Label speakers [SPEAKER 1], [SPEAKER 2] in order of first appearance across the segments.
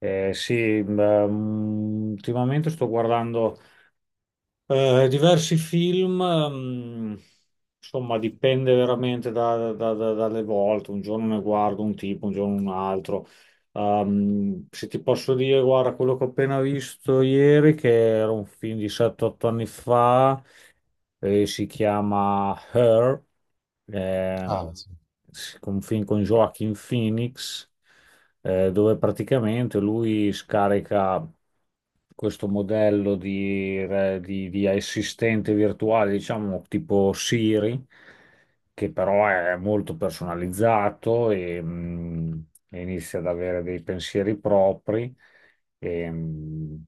[SPEAKER 1] Sì, beh, ultimamente sto guardando diversi film, insomma dipende veramente dalle volte, un giorno ne guardo un tipo, un giorno un altro. Se ti posso dire, guarda, quello che ho appena visto ieri, che era un film di 7-8 anni fa, si chiama Her, eh,
[SPEAKER 2] Ah, sì.
[SPEAKER 1] sì, un film con Joaquin Phoenix dove praticamente lui scarica questo modello di assistente virtuale, diciamo tipo Siri, che però è molto personalizzato e inizia ad avere dei pensieri propri. E, mh,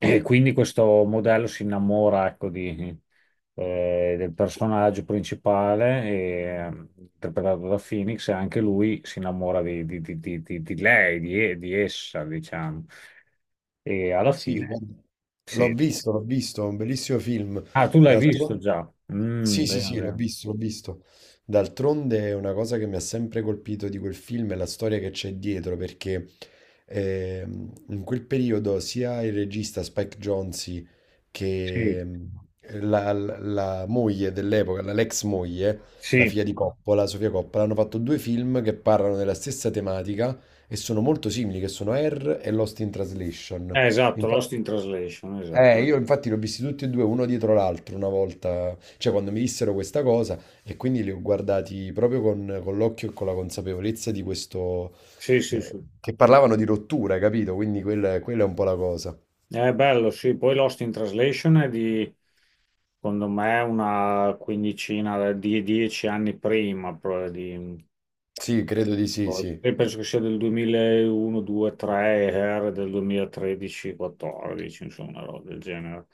[SPEAKER 1] e quindi questo modello si innamora, ecco, del personaggio principale, interpretato da Phoenix, e anche lui si innamora di lei, di essa, diciamo. E alla
[SPEAKER 2] Sì,
[SPEAKER 1] fine,
[SPEAKER 2] guarda, l'ho
[SPEAKER 1] sì.
[SPEAKER 2] visto, l'ho visto, è un bellissimo film.
[SPEAKER 1] Ah, tu l'hai visto
[SPEAKER 2] D'altronde...
[SPEAKER 1] già? Mm,
[SPEAKER 2] Sì, sì,
[SPEAKER 1] bene,
[SPEAKER 2] sì, l'ho
[SPEAKER 1] bene.
[SPEAKER 2] visto, l'ho visto. D'altronde è una cosa che mi ha sempre colpito di quel film è la storia che c'è dietro, perché in quel periodo sia il regista Spike Jonze che
[SPEAKER 1] Sì,
[SPEAKER 2] la moglie dell'epoca, la l'ex moglie, la
[SPEAKER 1] sì.
[SPEAKER 2] figlia di Coppola, Sofia Coppola, hanno fatto due film che parlano della stessa tematica e sono molto simili, che sono Air e Lost in Translation.
[SPEAKER 1] Esatto, Lost in
[SPEAKER 2] Infatti-
[SPEAKER 1] Translation, esatto.
[SPEAKER 2] io infatti li ho visti tutti e due uno dietro l'altro una volta, cioè quando mi dissero questa cosa, e quindi li ho guardati proprio con l'occhio e con la consapevolezza di questo,
[SPEAKER 1] Sì, sì, sì.
[SPEAKER 2] che parlavano di rottura, capito? Quindi quella è un po' la cosa.
[SPEAKER 1] È bello, sì. Poi Lost in Translation è di, secondo me, una quindicina, di 10 anni prima.
[SPEAKER 2] Sì, credo di sì,
[SPEAKER 1] Poi,
[SPEAKER 2] sì.
[SPEAKER 1] io penso che sia del 2001, 2, 3, Hair del 2013, 14, insomma, una roba del genere.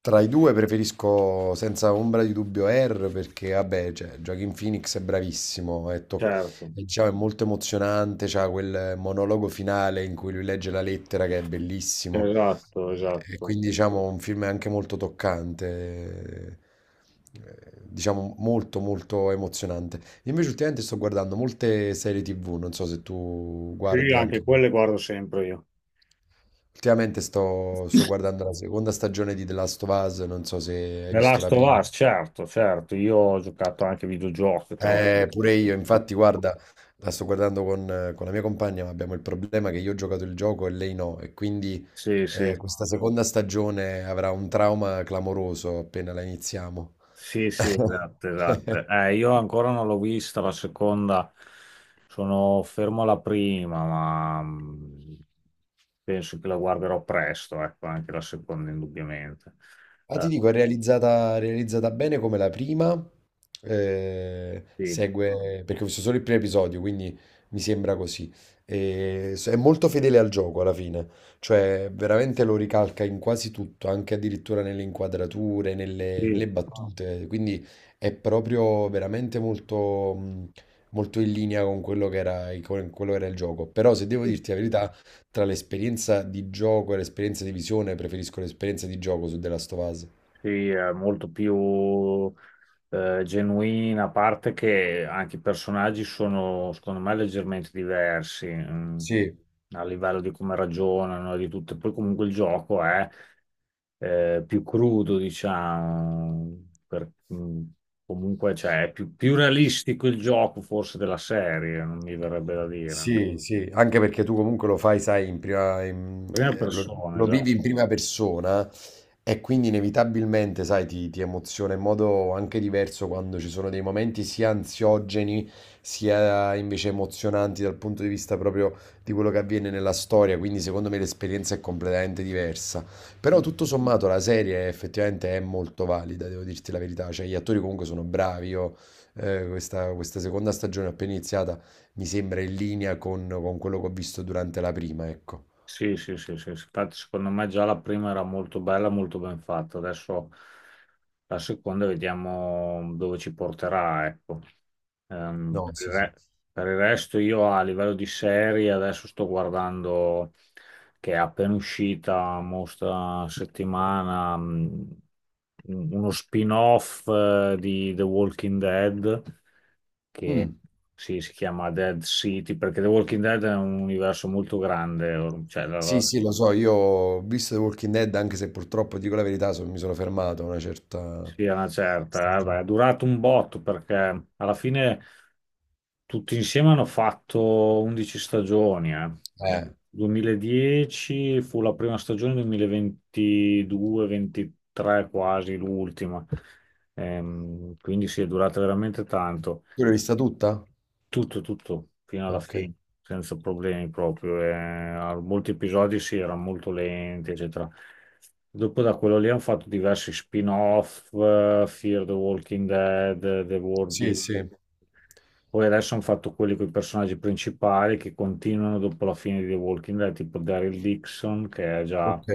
[SPEAKER 2] Tra i due preferisco senza ombra di dubbio R perché vabbè, cioè, Joaquin Phoenix è bravissimo,
[SPEAKER 1] Certo,
[SPEAKER 2] è, diciamo, è molto emozionante, c'ha quel monologo finale in cui lui legge la lettera che è bellissimo,
[SPEAKER 1] esatto,
[SPEAKER 2] e
[SPEAKER 1] esatto.
[SPEAKER 2] quindi diciamo un film anche molto toccante, diciamo molto molto emozionante. Invece ultimamente sto guardando molte serie TV, non so se tu
[SPEAKER 1] Sì,
[SPEAKER 2] guardi anche...
[SPEAKER 1] anche quelle guardo sempre io.
[SPEAKER 2] Ultimamente sto guardando la seconda stagione di The Last of Us, non so se hai
[SPEAKER 1] The
[SPEAKER 2] visto
[SPEAKER 1] Last
[SPEAKER 2] la
[SPEAKER 1] of
[SPEAKER 2] prima.
[SPEAKER 1] Us, certo, certo. Io ho giocato anche videogiochi, tra l'altro.
[SPEAKER 2] Pure io, infatti, guarda, la sto guardando con la mia compagna, ma abbiamo il problema che io ho giocato il gioco e lei no, e quindi
[SPEAKER 1] Sì, sì.
[SPEAKER 2] questa seconda stagione avrà un trauma clamoroso appena la iniziamo.
[SPEAKER 1] Sì, sì, esatto, esatto. Io ancora non l'ho vista la seconda, sono fermo alla prima, ma penso che la guarderò presto, ecco, anche la seconda indubbiamente.
[SPEAKER 2] Ah,
[SPEAKER 1] Eh,
[SPEAKER 2] ti dico, è realizzata bene come la prima. eh,
[SPEAKER 1] sì,
[SPEAKER 2] segue, perché ho visto solo il primo episodio, quindi mi sembra così. È molto fedele al gioco alla fine, cioè veramente lo ricalca in quasi tutto, anche addirittura nelle inquadrature, nelle
[SPEAKER 1] sì,
[SPEAKER 2] battute. Quindi è proprio veramente molto, molto in linea con quello che era, con quello che era il gioco. Però se devo
[SPEAKER 1] sì.
[SPEAKER 2] dirti la verità, tra l'esperienza di gioco e l'esperienza di visione, preferisco l'esperienza di gioco su The Last of Us.
[SPEAKER 1] Sì, è molto più genuina, a parte che anche i personaggi sono, secondo me, leggermente diversi
[SPEAKER 2] Sì,
[SPEAKER 1] a livello di come ragionano e di tutto. Poi comunque il gioco è più crudo, diciamo, comunque cioè, è più realistico il gioco forse della serie, non mi verrebbe da dire.
[SPEAKER 2] sì, sì, anche perché tu comunque lo fai, sai,
[SPEAKER 1] Prima
[SPEAKER 2] lo,
[SPEAKER 1] persona,
[SPEAKER 2] lo vivi
[SPEAKER 1] esatto.
[SPEAKER 2] in prima persona, e quindi inevitabilmente, sai, ti emoziona in modo anche diverso quando ci sono dei momenti sia ansiogeni sia invece emozionanti dal punto di vista proprio di quello che avviene nella storia, quindi secondo me l'esperienza è completamente diversa. Però tutto sommato la serie effettivamente è molto valida, devo dirti la verità, cioè gli attori comunque sono bravi, io questa seconda stagione appena iniziata mi sembra in linea con quello che ho visto durante la prima, ecco.
[SPEAKER 1] Sì, sì, sì, sì, sì. Infatti, secondo me già la prima era molto bella, molto ben fatta. Adesso la seconda vediamo dove ci porterà, ecco. Ehm, per
[SPEAKER 2] No,
[SPEAKER 1] il
[SPEAKER 2] sì, sì.
[SPEAKER 1] re- per il resto io a livello di serie adesso sto guardando che è appena uscita, mo sta settimana, uno spin-off di The Walking Dead che
[SPEAKER 2] Mm.
[SPEAKER 1] sì, si chiama Dead City, perché The Walking Dead è un universo molto grande, cioè,
[SPEAKER 2] Sì, sì, lo so, io ho visto The Walking Dead, anche se purtroppo, dico la verità, mi sono fermato a una certa...
[SPEAKER 1] sì, è una certa, beh,
[SPEAKER 2] stagione.
[SPEAKER 1] è durato un botto perché alla fine tutti insieme hanno fatto 11 stagioni, eh. Nel
[SPEAKER 2] Eh,
[SPEAKER 1] 2010 fu la prima stagione, 2022-23 quasi l'ultima. Quindi sì, è durata veramente tanto.
[SPEAKER 2] tu l'hai vista tutta?
[SPEAKER 1] Tutto, tutto, fino alla
[SPEAKER 2] Ok.
[SPEAKER 1] fine, senza problemi proprio. A molti episodi si era molto lenti, eccetera. Dopo da quello lì hanno fatto diversi spin-off, Fear the Walking Dead, The War
[SPEAKER 2] Sì,
[SPEAKER 1] Be-
[SPEAKER 2] sì,
[SPEAKER 1] Poi adesso hanno fatto quelli con i personaggi principali che continuano dopo la fine di The Walking Dead, tipo Daryl Dixon, che è già,
[SPEAKER 2] ok.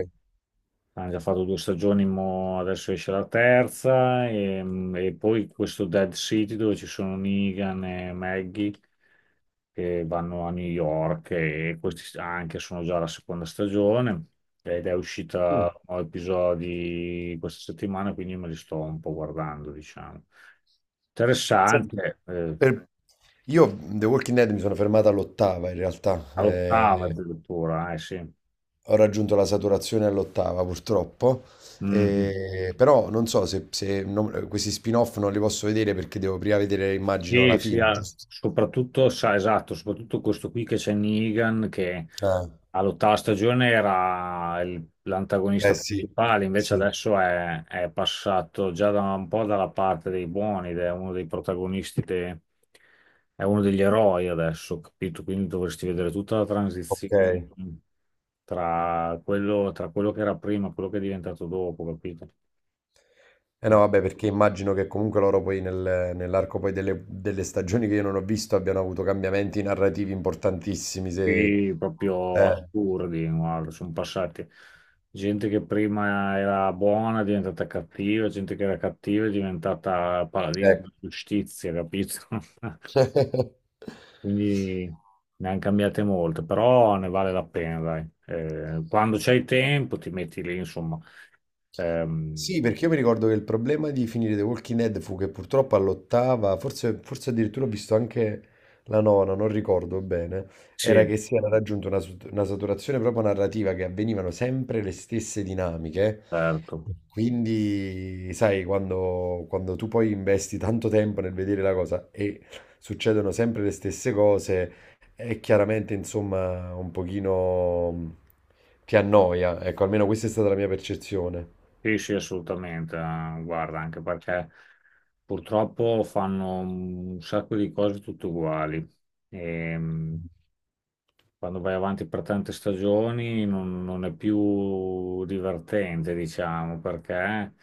[SPEAKER 1] hanno già fatto due stagioni, mo adesso esce la terza, e poi questo Dead City dove ci sono Negan e Maggie che vanno a New York e questi anche sono già la seconda stagione ed è
[SPEAKER 2] Mm.
[SPEAKER 1] uscita un episodi questa settimana, quindi me li sto un po' guardando, diciamo.
[SPEAKER 2] Senti,
[SPEAKER 1] Interessante, eh.
[SPEAKER 2] per- Io The Walking Dead mi sono fermato all'ottava in realtà.
[SPEAKER 1] All'ottava addirittura, eh sì.
[SPEAKER 2] Ho raggiunto la saturazione all'ottava, purtroppo,
[SPEAKER 1] Mhm.
[SPEAKER 2] però non so se, questi spin-off non li posso vedere perché devo prima vedere, immagino,
[SPEAKER 1] Sì,
[SPEAKER 2] la
[SPEAKER 1] sì,
[SPEAKER 2] fine,
[SPEAKER 1] ah,
[SPEAKER 2] giusto?
[SPEAKER 1] soprattutto, sa, esatto, soprattutto questo qui che c'è Negan, che
[SPEAKER 2] Eh,
[SPEAKER 1] all'ottava stagione era
[SPEAKER 2] eh
[SPEAKER 1] l'antagonista
[SPEAKER 2] sì,
[SPEAKER 1] principale, invece
[SPEAKER 2] sì,
[SPEAKER 1] adesso è passato già da un po' dalla parte dei buoni ed è uno dei protagonisti, è uno degli eroi adesso, capito? Quindi dovresti vedere tutta la
[SPEAKER 2] ok.
[SPEAKER 1] transizione tra quello che era prima e quello che è diventato dopo, capito?
[SPEAKER 2] Eh no, vabbè, perché immagino che comunque loro poi nell'arco poi delle, delle stagioni che io non ho visto abbiano avuto cambiamenti narrativi importantissimi, se...
[SPEAKER 1] Sì, proprio
[SPEAKER 2] Eh,
[SPEAKER 1] assurdi, guarda, sono passati. Gente che prima era buona è diventata cattiva, gente che era cattiva è diventata paladina
[SPEAKER 2] ecco.
[SPEAKER 1] della giustizia, capito? Quindi ne hanno cambiate molte, però ne vale la pena, dai. Quando c'hai tempo ti metti lì, insomma.
[SPEAKER 2] Sì,
[SPEAKER 1] Ehm,
[SPEAKER 2] perché io mi ricordo che il problema di finire The Walking Dead fu che purtroppo all'ottava, forse, forse addirittura ho visto anche la nona, non ricordo bene, era
[SPEAKER 1] sì,
[SPEAKER 2] che si era raggiunta una, una saturazione proprio narrativa, che avvenivano sempre le stesse dinamiche.
[SPEAKER 1] certo.
[SPEAKER 2] Quindi, sai, quando, quando tu poi investi tanto tempo nel vedere la cosa e succedono sempre le stesse cose, è chiaramente, insomma, un pochino ti annoia. Ecco, almeno questa è stata la mia percezione.
[SPEAKER 1] Sì, sì, assolutamente. Guarda, anche perché purtroppo fanno un sacco di cose tutte uguali. E quando vai avanti per tante stagioni non è più divertente, diciamo, perché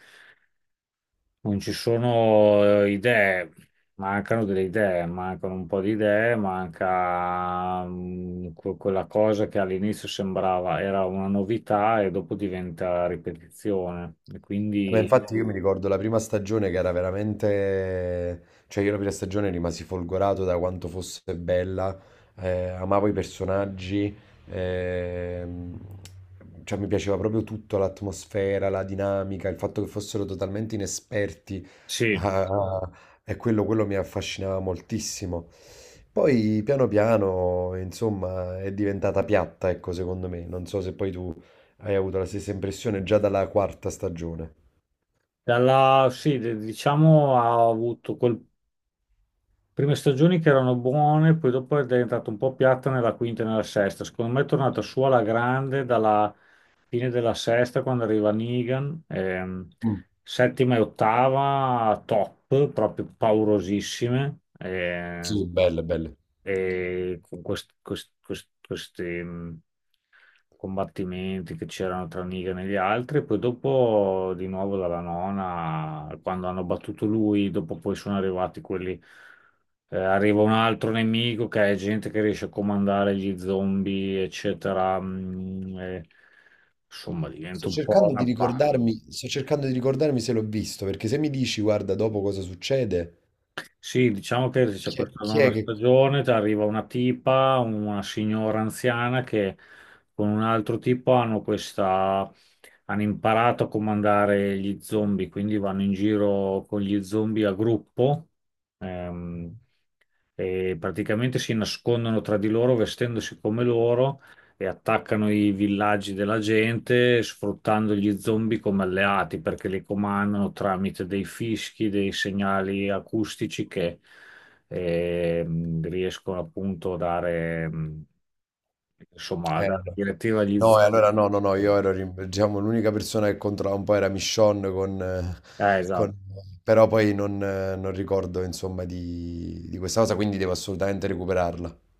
[SPEAKER 1] non ci sono idee, mancano delle idee, mancano un po' di idee, manca quella cosa che all'inizio sembrava era una novità e dopo diventa ripetizione. E
[SPEAKER 2] Ma
[SPEAKER 1] quindi.
[SPEAKER 2] infatti io mi ricordo la prima stagione che era veramente... Cioè io la prima stagione rimasi folgorato da quanto fosse bella, amavo i personaggi, ehm, cioè mi piaceva proprio tutto, l'atmosfera, la dinamica, il fatto che fossero totalmente inesperti
[SPEAKER 1] Sì,
[SPEAKER 2] a- a- e quello mi affascinava moltissimo. Poi piano piano, insomma, è diventata piatta, ecco, secondo me. Non so se poi tu hai avuto la stessa impressione già dalla quarta stagione.
[SPEAKER 1] dalla, sì, diciamo ha avuto quel, prime stagioni che erano buone, poi dopo è diventata un po' piatta nella quinta e nella sesta. Secondo me è tornata su alla grande dalla fine della sesta quando arriva Negan,
[SPEAKER 2] Mh.
[SPEAKER 1] settima e ottava top, proprio paurosissime.
[SPEAKER 2] Sì, belle, belle.
[SPEAKER 1] E con questi combattimenti che c'erano tra Negan e gli altri, poi dopo di nuovo dalla nona, quando hanno battuto lui, dopo poi sono arrivati quelli, arriva un altro nemico che è gente che riesce a comandare gli zombie, eccetera, e, insomma diventa un po' una palla.
[SPEAKER 2] Sto cercando di ricordarmi se l'ho visto, perché se mi dici: "Guarda, dopo cosa succede",
[SPEAKER 1] Sì, diciamo che c'è per tornare
[SPEAKER 2] chi è
[SPEAKER 1] una
[SPEAKER 2] che
[SPEAKER 1] stagione, ti arriva una tipa, una signora anziana che con un altro tipo hanno imparato a comandare gli zombie, quindi vanno in giro con gli zombie a gruppo. Ehm, e praticamente si nascondono tra di loro vestendosi come loro e attaccano i villaggi della gente sfruttando gli zombie come alleati perché li comandano tramite dei fischi, dei segnali acustici che riescono appunto a dare, insomma, a dare
[SPEAKER 2] no.
[SPEAKER 1] direttiva agli
[SPEAKER 2] No, e
[SPEAKER 1] zombie.
[SPEAKER 2] allora no, no, no, io ero rim diciamo l'unica persona che controllava un po' era Michonne
[SPEAKER 1] Esatto.
[SPEAKER 2] con però poi non non ricordo insomma di questa cosa, quindi devo assolutamente recuperarla.